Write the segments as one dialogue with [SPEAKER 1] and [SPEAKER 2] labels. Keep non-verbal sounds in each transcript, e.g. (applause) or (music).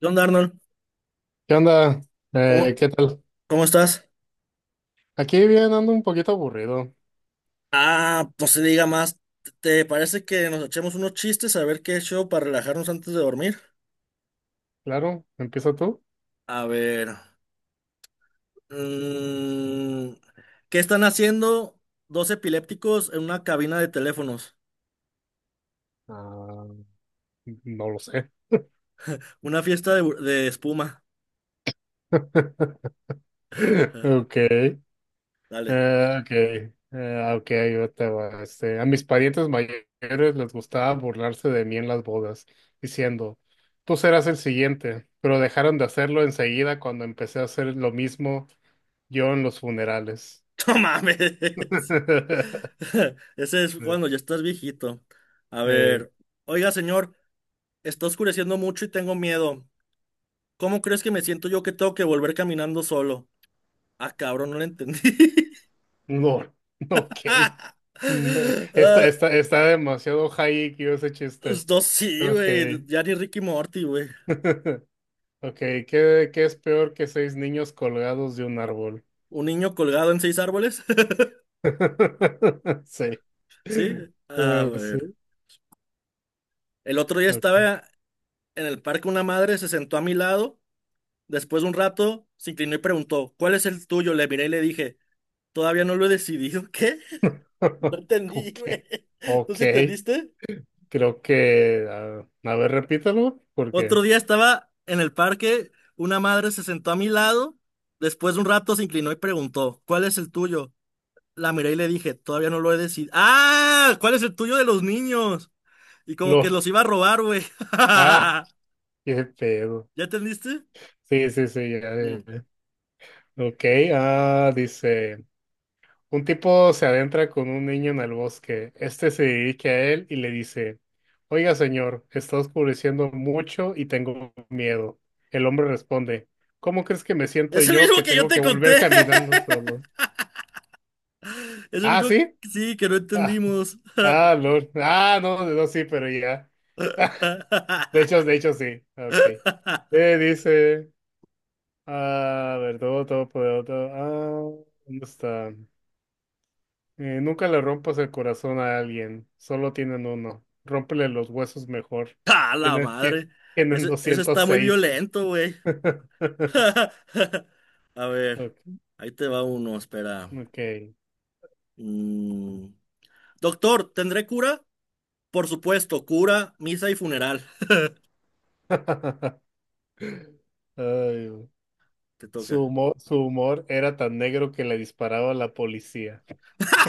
[SPEAKER 1] ¿Qué onda, Arnold?
[SPEAKER 2] ¿Qué onda?
[SPEAKER 1] ¿Cómo,
[SPEAKER 2] ¿Qué tal?
[SPEAKER 1] cómo estás?
[SPEAKER 2] Aquí bien, ando un poquito aburrido.
[SPEAKER 1] Ah, pues se diga más. ¿Te parece que nos echemos unos chistes a ver qué show para relajarnos antes de dormir?
[SPEAKER 2] Claro, ¿empieza tú?
[SPEAKER 1] A ver. mm, ¿Qué están haciendo dos epilépticos en una cabina de teléfonos?
[SPEAKER 2] Ah, no lo sé.
[SPEAKER 1] (laughs) Una fiesta de espuma.
[SPEAKER 2] (laughs) Ok, eh,
[SPEAKER 1] Dale.
[SPEAKER 2] ok, ok, yo te va. Este, a mis parientes mayores les gustaba burlarse de mí en las bodas, diciendo, tú serás el siguiente, pero dejaron de hacerlo enseguida cuando empecé a hacer lo mismo yo en los funerales.
[SPEAKER 1] (laughs) ¡No mames!
[SPEAKER 2] (laughs)
[SPEAKER 1] (laughs) Ese es cuando ya estás viejito. A
[SPEAKER 2] Ey.
[SPEAKER 1] ver. Oiga, señor, está oscureciendo mucho y tengo miedo. ¿Cómo crees que me siento yo que tengo que volver caminando solo? Ah, cabrón, no lo entendí. (laughs)
[SPEAKER 2] No, (laughs) ok.
[SPEAKER 1] Ah,
[SPEAKER 2] Está demasiado high que ese chiste.
[SPEAKER 1] pues no, sí,
[SPEAKER 2] Ok.
[SPEAKER 1] güey. Ya ni Ricky Morty, güey.
[SPEAKER 2] (laughs) Ok, ¿qué es peor que seis niños colgados de un árbol?
[SPEAKER 1] Un niño colgado en seis árboles. (laughs)
[SPEAKER 2] (laughs) Sí.
[SPEAKER 1] Sí. A
[SPEAKER 2] Sí,
[SPEAKER 1] ver. El otro día
[SPEAKER 2] ok.
[SPEAKER 1] estaba en el parque una madre, se sentó a mi lado. Después de un rato, se inclinó y preguntó, ¿cuál es el tuyo? Le miré y le dije, todavía no lo he decidido. ¿Qué? (laughs) No
[SPEAKER 2] (laughs) Ok.
[SPEAKER 1] entendí, güey. ¿Tú
[SPEAKER 2] Ok,
[SPEAKER 1] sí entendiste?
[SPEAKER 2] creo que. A ver, repítalo, porque.
[SPEAKER 1] Otro día estaba en el parque, una madre se sentó a mi lado. Después de un rato, se inclinó y preguntó, ¿cuál es el tuyo? La miré y le dije, todavía no lo he decidido. ¡Ah! ¿Cuál es el tuyo de los niños? Y como que
[SPEAKER 2] LOL.
[SPEAKER 1] los iba a robar, güey.
[SPEAKER 2] Ah,
[SPEAKER 1] (laughs)
[SPEAKER 2] qué pedo.
[SPEAKER 1] ¿Ya entendiste?
[SPEAKER 2] Sí, sí, sí. Ya, ya,
[SPEAKER 1] Mm.
[SPEAKER 2] ya. Ok, dice. Un tipo se adentra con un niño en el bosque. Este se dirige a él y le dice, oiga, señor, está oscureciendo mucho y tengo miedo. El hombre responde, ¿cómo crees que me siento
[SPEAKER 1] Es el
[SPEAKER 2] yo
[SPEAKER 1] mismo
[SPEAKER 2] que
[SPEAKER 1] que yo
[SPEAKER 2] tengo
[SPEAKER 1] te
[SPEAKER 2] que volver (laughs)
[SPEAKER 1] conté.
[SPEAKER 2] caminando solo?
[SPEAKER 1] (laughs) Es el
[SPEAKER 2] Ah,
[SPEAKER 1] mismo,
[SPEAKER 2] ¿sí?
[SPEAKER 1] sí, que no
[SPEAKER 2] Ah,
[SPEAKER 1] entendimos.
[SPEAKER 2] ah,
[SPEAKER 1] (laughs)
[SPEAKER 2] Lord. Ah, no, no, sí, pero ya. (laughs)
[SPEAKER 1] ¡Ah,
[SPEAKER 2] De hecho, sí. Ok. Dice, a ver, todo. ¿Dónde está? Nunca le rompas el corazón a alguien, solo tienen uno. Rómpele los huesos mejor.
[SPEAKER 1] la
[SPEAKER 2] Tienen, tie-
[SPEAKER 1] madre!
[SPEAKER 2] tienen
[SPEAKER 1] Ese está muy
[SPEAKER 2] 206.
[SPEAKER 1] violento, güey.
[SPEAKER 2] (laughs)
[SPEAKER 1] (laughs) A ver,
[SPEAKER 2] Ok.
[SPEAKER 1] ahí te va uno, espera.
[SPEAKER 2] Ok.
[SPEAKER 1] Mm. Doctor, ¿tendré cura? Por supuesto, cura, misa y funeral.
[SPEAKER 2] (laughs) Ay, güey.
[SPEAKER 1] Te toca.
[SPEAKER 2] Su humor era tan negro que le disparaba a la policía.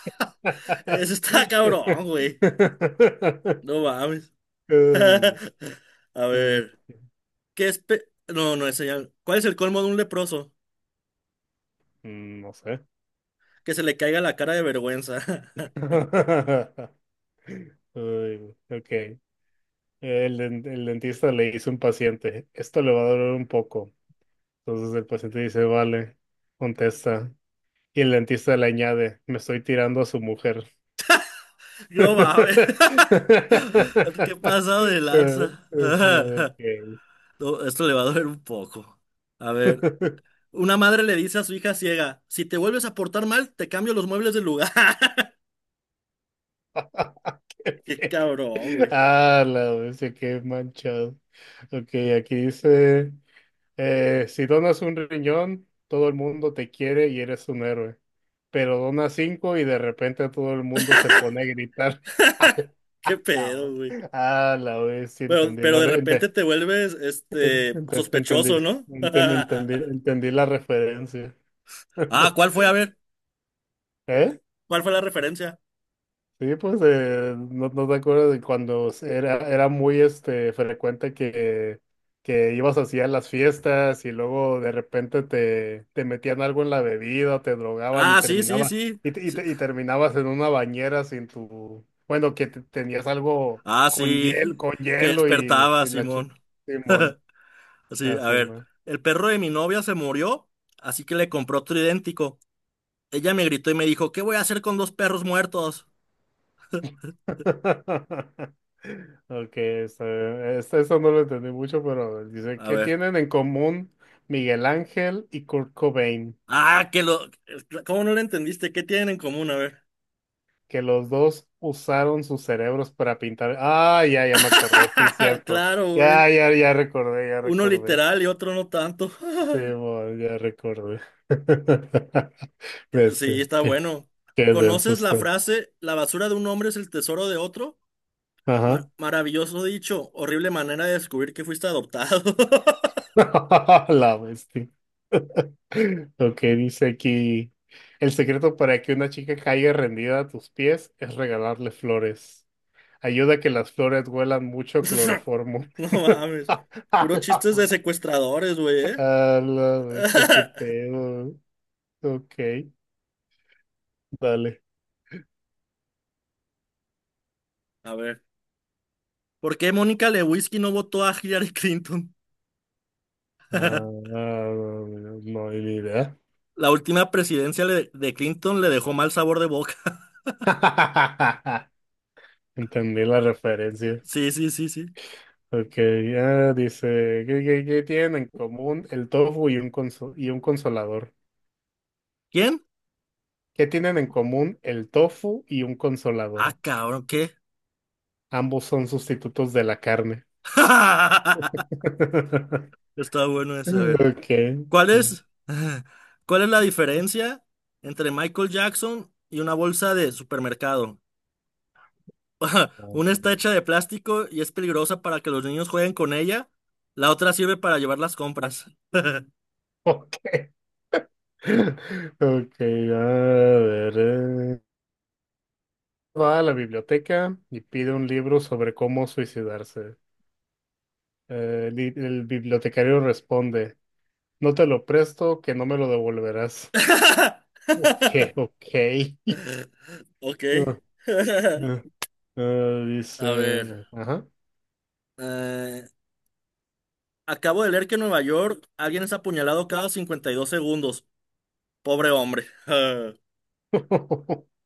[SPEAKER 1] (laughs)
[SPEAKER 2] (laughs)
[SPEAKER 1] Eso está
[SPEAKER 2] Ay,
[SPEAKER 1] cabrón, güey. No mames. (laughs)
[SPEAKER 2] güey.
[SPEAKER 1] A
[SPEAKER 2] Ay,
[SPEAKER 1] ver, ¿qué es pe- No, no, eso ya- ¿Cuál es el colmo de un leproso?
[SPEAKER 2] no sé.
[SPEAKER 1] Que se le caiga la cara de vergüenza.
[SPEAKER 2] (laughs)
[SPEAKER 1] (laughs)
[SPEAKER 2] Ay, güey. Ok. El dentista le dice a un paciente, esto le va a doler un poco. Entonces el paciente dice, vale, contesta. Y el dentista le añade, me estoy tirando a su mujer.
[SPEAKER 1] No mames. (laughs) ¿Qué
[SPEAKER 2] (laughs)
[SPEAKER 1] pasado de lanza? (laughs)
[SPEAKER 2] Ok.
[SPEAKER 1] No, esto le va a doler un poco. A ver, una madre le dice a su hija ciega, si te vuelves a portar mal, te cambio los muebles del lugar. (laughs)
[SPEAKER 2] (laughs) Qué
[SPEAKER 1] Qué cabrón,
[SPEAKER 2] feo.
[SPEAKER 1] güey.
[SPEAKER 2] Ah, la bestia, qué manchado. Ok, aquí dice. Si donas un riñón, todo el mundo te quiere y eres un héroe. Pero donas cinco y de repente todo el mundo se pone a gritar.
[SPEAKER 1] (laughs)
[SPEAKER 2] (laughs)
[SPEAKER 1] Qué
[SPEAKER 2] La
[SPEAKER 1] pedo,
[SPEAKER 2] hue-
[SPEAKER 1] güey.
[SPEAKER 2] Ah, la vez sí
[SPEAKER 1] Pero,
[SPEAKER 2] entendí
[SPEAKER 1] pero
[SPEAKER 2] la
[SPEAKER 1] de
[SPEAKER 2] re-
[SPEAKER 1] repente
[SPEAKER 2] ente-
[SPEAKER 1] te vuelves este
[SPEAKER 2] ente- entendí,
[SPEAKER 1] sospechoso, ¿no?
[SPEAKER 2] enten- entendí,
[SPEAKER 1] (laughs)
[SPEAKER 2] entendí la referencia.
[SPEAKER 1] Ah,
[SPEAKER 2] (laughs)
[SPEAKER 1] ¿cuál fue? A ver,
[SPEAKER 2] ¿Eh?
[SPEAKER 1] ¿cuál fue la referencia?
[SPEAKER 2] Sí, pues, no te acuerdas de cuando era muy este frecuente que ibas así a las fiestas y luego de repente te metían algo en la bebida, te drogaban y
[SPEAKER 1] Ah, sí, sí,
[SPEAKER 2] terminaba,
[SPEAKER 1] sí.
[SPEAKER 2] y, te- y,
[SPEAKER 1] Sí.
[SPEAKER 2] te- y terminabas en una bañera sin tu, bueno, tenías algo
[SPEAKER 1] Ah, sí.
[SPEAKER 2] con
[SPEAKER 1] Que
[SPEAKER 2] hielo y,
[SPEAKER 1] despertaba,
[SPEAKER 2] y la chica,
[SPEAKER 1] Simón.
[SPEAKER 2] Simón,
[SPEAKER 1] (laughs) Sí, a
[SPEAKER 2] así.
[SPEAKER 1] ver. El perro de mi novia se murió, así que le compró otro idéntico. Ella me gritó y me dijo, ¿qué voy a hacer con dos perros muertos?
[SPEAKER 2] (laughs) Ok, esto no lo entendí mucho, pero a ver, dice,
[SPEAKER 1] A
[SPEAKER 2] ¿qué
[SPEAKER 1] ver.
[SPEAKER 2] tienen en común Miguel Ángel y Kurt Cobain?
[SPEAKER 1] Ah, que lo... ¿Cómo no lo entendiste? ¿Qué tienen en común? A ver.
[SPEAKER 2] Que los dos usaron sus cerebros para pintar. Ah, ya, ya me acordé, sí,
[SPEAKER 1] (laughs)
[SPEAKER 2] cierto.
[SPEAKER 1] Claro,
[SPEAKER 2] Ya,
[SPEAKER 1] güey.
[SPEAKER 2] ya, ya recordé, ya
[SPEAKER 1] Uno
[SPEAKER 2] recordé.
[SPEAKER 1] literal y otro no tanto. (laughs)
[SPEAKER 2] Sí, bueno, ya recordé. (laughs)
[SPEAKER 1] Sí,
[SPEAKER 2] Bestia,
[SPEAKER 1] está
[SPEAKER 2] qué,
[SPEAKER 1] bueno.
[SPEAKER 2] qué denso
[SPEAKER 1] ¿Conoces la
[SPEAKER 2] está.
[SPEAKER 1] frase, la basura de un hombre es el tesoro de otro?
[SPEAKER 2] Ajá.
[SPEAKER 1] Maravilloso dicho, horrible manera de descubrir que fuiste adoptado. (laughs)
[SPEAKER 2] (laughs) La bestia. (laughs) Lo que dice aquí, el secreto para que una chica caiga rendida a tus pies es regalarle flores. Ayuda a que las flores huelan mucho
[SPEAKER 1] (laughs)
[SPEAKER 2] cloroformo.
[SPEAKER 1] No
[SPEAKER 2] (laughs)
[SPEAKER 1] mames.
[SPEAKER 2] A
[SPEAKER 1] Puro
[SPEAKER 2] la
[SPEAKER 1] chistes de
[SPEAKER 2] vez.
[SPEAKER 1] secuestradores, güey, ¿eh?
[SPEAKER 2] A la vez, qué
[SPEAKER 1] (laughs)
[SPEAKER 2] pedo. Ok, dale.
[SPEAKER 1] A ver. ¿Por qué Mónica Lewinsky no votó a Hillary Clinton?
[SPEAKER 2] Ah, no hay ni idea.
[SPEAKER 1] La última presidencia le- De Clinton le dejó mal sabor de boca. (laughs)
[SPEAKER 2] (laughs) Entendí la referencia.
[SPEAKER 1] Sí, sí, sí, sí.
[SPEAKER 2] Ok, ya dice, ¿qué tienen en común el tofu y un consolador?
[SPEAKER 1] ¿Quién?
[SPEAKER 2] ¿Qué tienen en común el tofu y un
[SPEAKER 1] Ah,
[SPEAKER 2] consolador?
[SPEAKER 1] cabrón, ¿qué?
[SPEAKER 2] Ambos son sustitutos de la carne.
[SPEAKER 1] (laughs)
[SPEAKER 2] (laughs)
[SPEAKER 1] Está bueno ese, a ver.
[SPEAKER 2] Ok.
[SPEAKER 1] ¿Cuál es, (laughs) ¿Cuál es la diferencia entre Michael Jackson y una bolsa de supermercado? (laughs) Una está hecha de plástico y es peligrosa para que los niños jueguen con ella. La otra sirve para llevar las compras.
[SPEAKER 2] Ok. (laughs) Ok, a ver. Va a la biblioteca y pide un libro sobre cómo suicidarse. El bibliotecario responde, no te lo presto, que no me lo devolverás.
[SPEAKER 1] (laughs)
[SPEAKER 2] Ok, ok.
[SPEAKER 1] Ok.
[SPEAKER 2] (laughs) Ah, ah,
[SPEAKER 1] (laughs) A ver.
[SPEAKER 2] Dice, ajá.
[SPEAKER 1] eh, Acabo de leer que en Nueva York alguien es apuñalado cada 52 segundos. Pobre hombre. (laughs)
[SPEAKER 2] (laughs)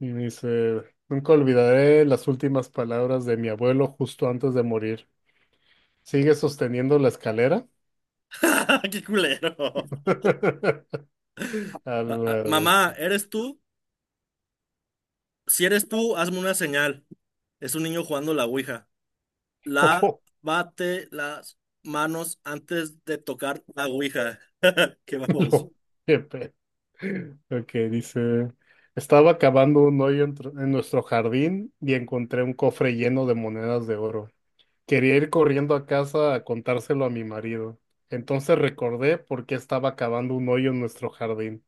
[SPEAKER 2] Y dice, nunca olvidaré las últimas palabras de mi abuelo justo antes de morir. ¿Sigue sosteniendo la escalera?
[SPEAKER 1] Qué culero.
[SPEAKER 2] (laughs) A la bestia.
[SPEAKER 1] Mamá, ¿eres tú? Si eres tú, hazme una señal. Es un niño jugando la ouija.
[SPEAKER 2] (laughs)
[SPEAKER 1] Lávate las manos antes de tocar la ouija. (laughs) Qué vamos.
[SPEAKER 2] Lo- qué pe- Ok, dice, estaba cavando un hoyo en nuestro jardín y encontré un cofre lleno de monedas de oro. Quería ir corriendo a casa a contárselo a mi marido. Entonces recordé por qué estaba cavando un hoyo en nuestro jardín.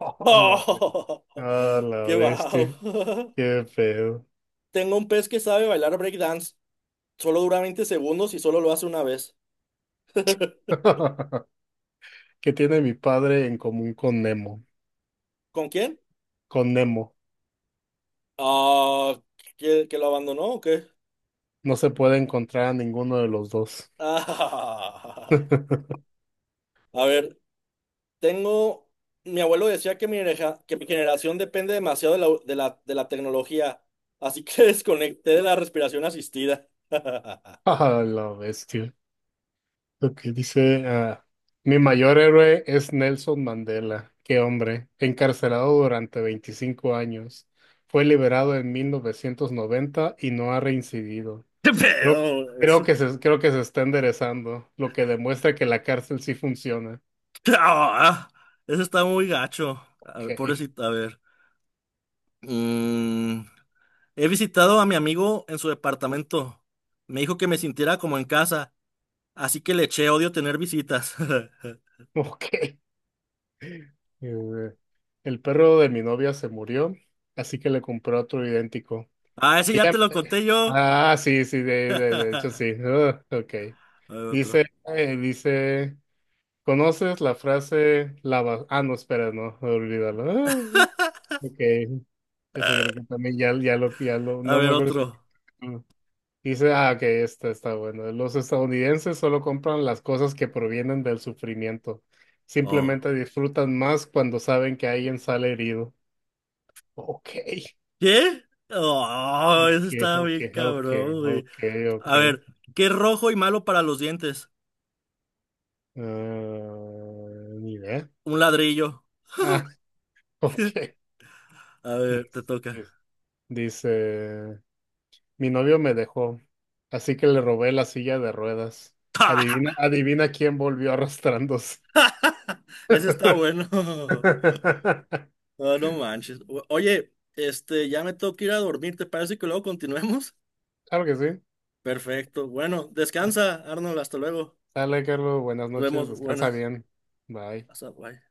[SPEAKER 2] (laughs) a la, be-
[SPEAKER 1] ¡Oh!
[SPEAKER 2] a la
[SPEAKER 1] ¡Qué wow!
[SPEAKER 2] bestia.
[SPEAKER 1] (laughs)
[SPEAKER 2] Qué feo.
[SPEAKER 1] Tengo un pez que sabe bailar breakdance. Solo dura 20 segundos y solo lo hace una vez. (laughs)
[SPEAKER 2] (laughs) ¿Qué tiene mi padre en común con Nemo?
[SPEAKER 1] ¿Con quién?
[SPEAKER 2] Con Nemo.
[SPEAKER 1] Ah, que lo abandonó o qué? (laughs)
[SPEAKER 2] No se puede encontrar a ninguno de los dos.
[SPEAKER 1] Ah,
[SPEAKER 2] (laughs)
[SPEAKER 1] a ver, Tengo, mi abuelo decía que que mi generación depende demasiado de la, de la tecnología, así que (laughs) desconecté de la respiración asistida. (laughs) ¿Qué
[SPEAKER 2] Ah, la bestia. Lo que dice, mi mayor héroe es Nelson Mandela. Qué hombre, encarcelado durante 25 años. Fue liberado en 1990 y no ha reincidido. Creo,
[SPEAKER 1] pedo?
[SPEAKER 2] creo
[SPEAKER 1] Eso,
[SPEAKER 2] que se, creo que se está enderezando, lo que demuestra que la cárcel sí funciona.
[SPEAKER 1] (laughs) ¡Ah! Eso está muy gacho. A ver,
[SPEAKER 2] Ok,
[SPEAKER 1] pobrecito, a ver. Mm, he visitado a mi amigo en su departamento. Me dijo que me sintiera como en casa, así que le eché odio tener visitas. (laughs)
[SPEAKER 2] (laughs) ok. Eh, El perro de mi novia se murió, así que le compré otro idéntico.
[SPEAKER 1] Ah, ese ya
[SPEAKER 2] Ella,
[SPEAKER 1] te lo conté yo.
[SPEAKER 2] sí, sí,
[SPEAKER 1] (laughs)
[SPEAKER 2] de hecho
[SPEAKER 1] A
[SPEAKER 2] sí. Ah, ok.
[SPEAKER 1] ver otro.
[SPEAKER 2] Dice, dice, ¿conoces la frase lava? Ah, no, espera, no, olvídalo. Ah, ok. Eso creo que también ya lo,
[SPEAKER 1] A
[SPEAKER 2] no
[SPEAKER 1] ver
[SPEAKER 2] me acuerdo si.
[SPEAKER 1] otro.
[SPEAKER 2] Mm. Dice, ok, esta está bueno. Los estadounidenses solo compran las cosas que provienen del sufrimiento.
[SPEAKER 1] Oh.
[SPEAKER 2] Simplemente disfrutan más cuando saben que alguien sale herido. Ok.
[SPEAKER 1] ¿Qué? Oh,
[SPEAKER 2] Ok,
[SPEAKER 1] eso está
[SPEAKER 2] ok,
[SPEAKER 1] bien
[SPEAKER 2] ok,
[SPEAKER 1] cabrón, güey.
[SPEAKER 2] ok,
[SPEAKER 1] A
[SPEAKER 2] ok.
[SPEAKER 1] ver, ¿qué es rojo y malo para los dientes?
[SPEAKER 2] Ah, ni idea.
[SPEAKER 1] Un ladrillo.
[SPEAKER 2] Ah, (laughs) ok.
[SPEAKER 1] A ver, te
[SPEAKER 2] Dice,
[SPEAKER 1] toca.
[SPEAKER 2] dice, mi novio me dejó, así que le robé la silla de ruedas. Adivina,
[SPEAKER 1] (laughs)
[SPEAKER 2] adivina quién volvió arrastrándose.
[SPEAKER 1] Ese está bueno. (laughs)
[SPEAKER 2] (laughs)
[SPEAKER 1] No, no manches. Oye, este, ya me tengo que ir a dormir. ¿Te parece que luego continuemos?
[SPEAKER 2] Claro que sí.
[SPEAKER 1] (laughs) Perfecto. Bueno, descansa, Arnold. Hasta luego.
[SPEAKER 2] Sale, Carlos. Buenas
[SPEAKER 1] Nos vemos.
[SPEAKER 2] noches. Descansa
[SPEAKER 1] Buenas.
[SPEAKER 2] bien. Bye.
[SPEAKER 1] Hasta bye.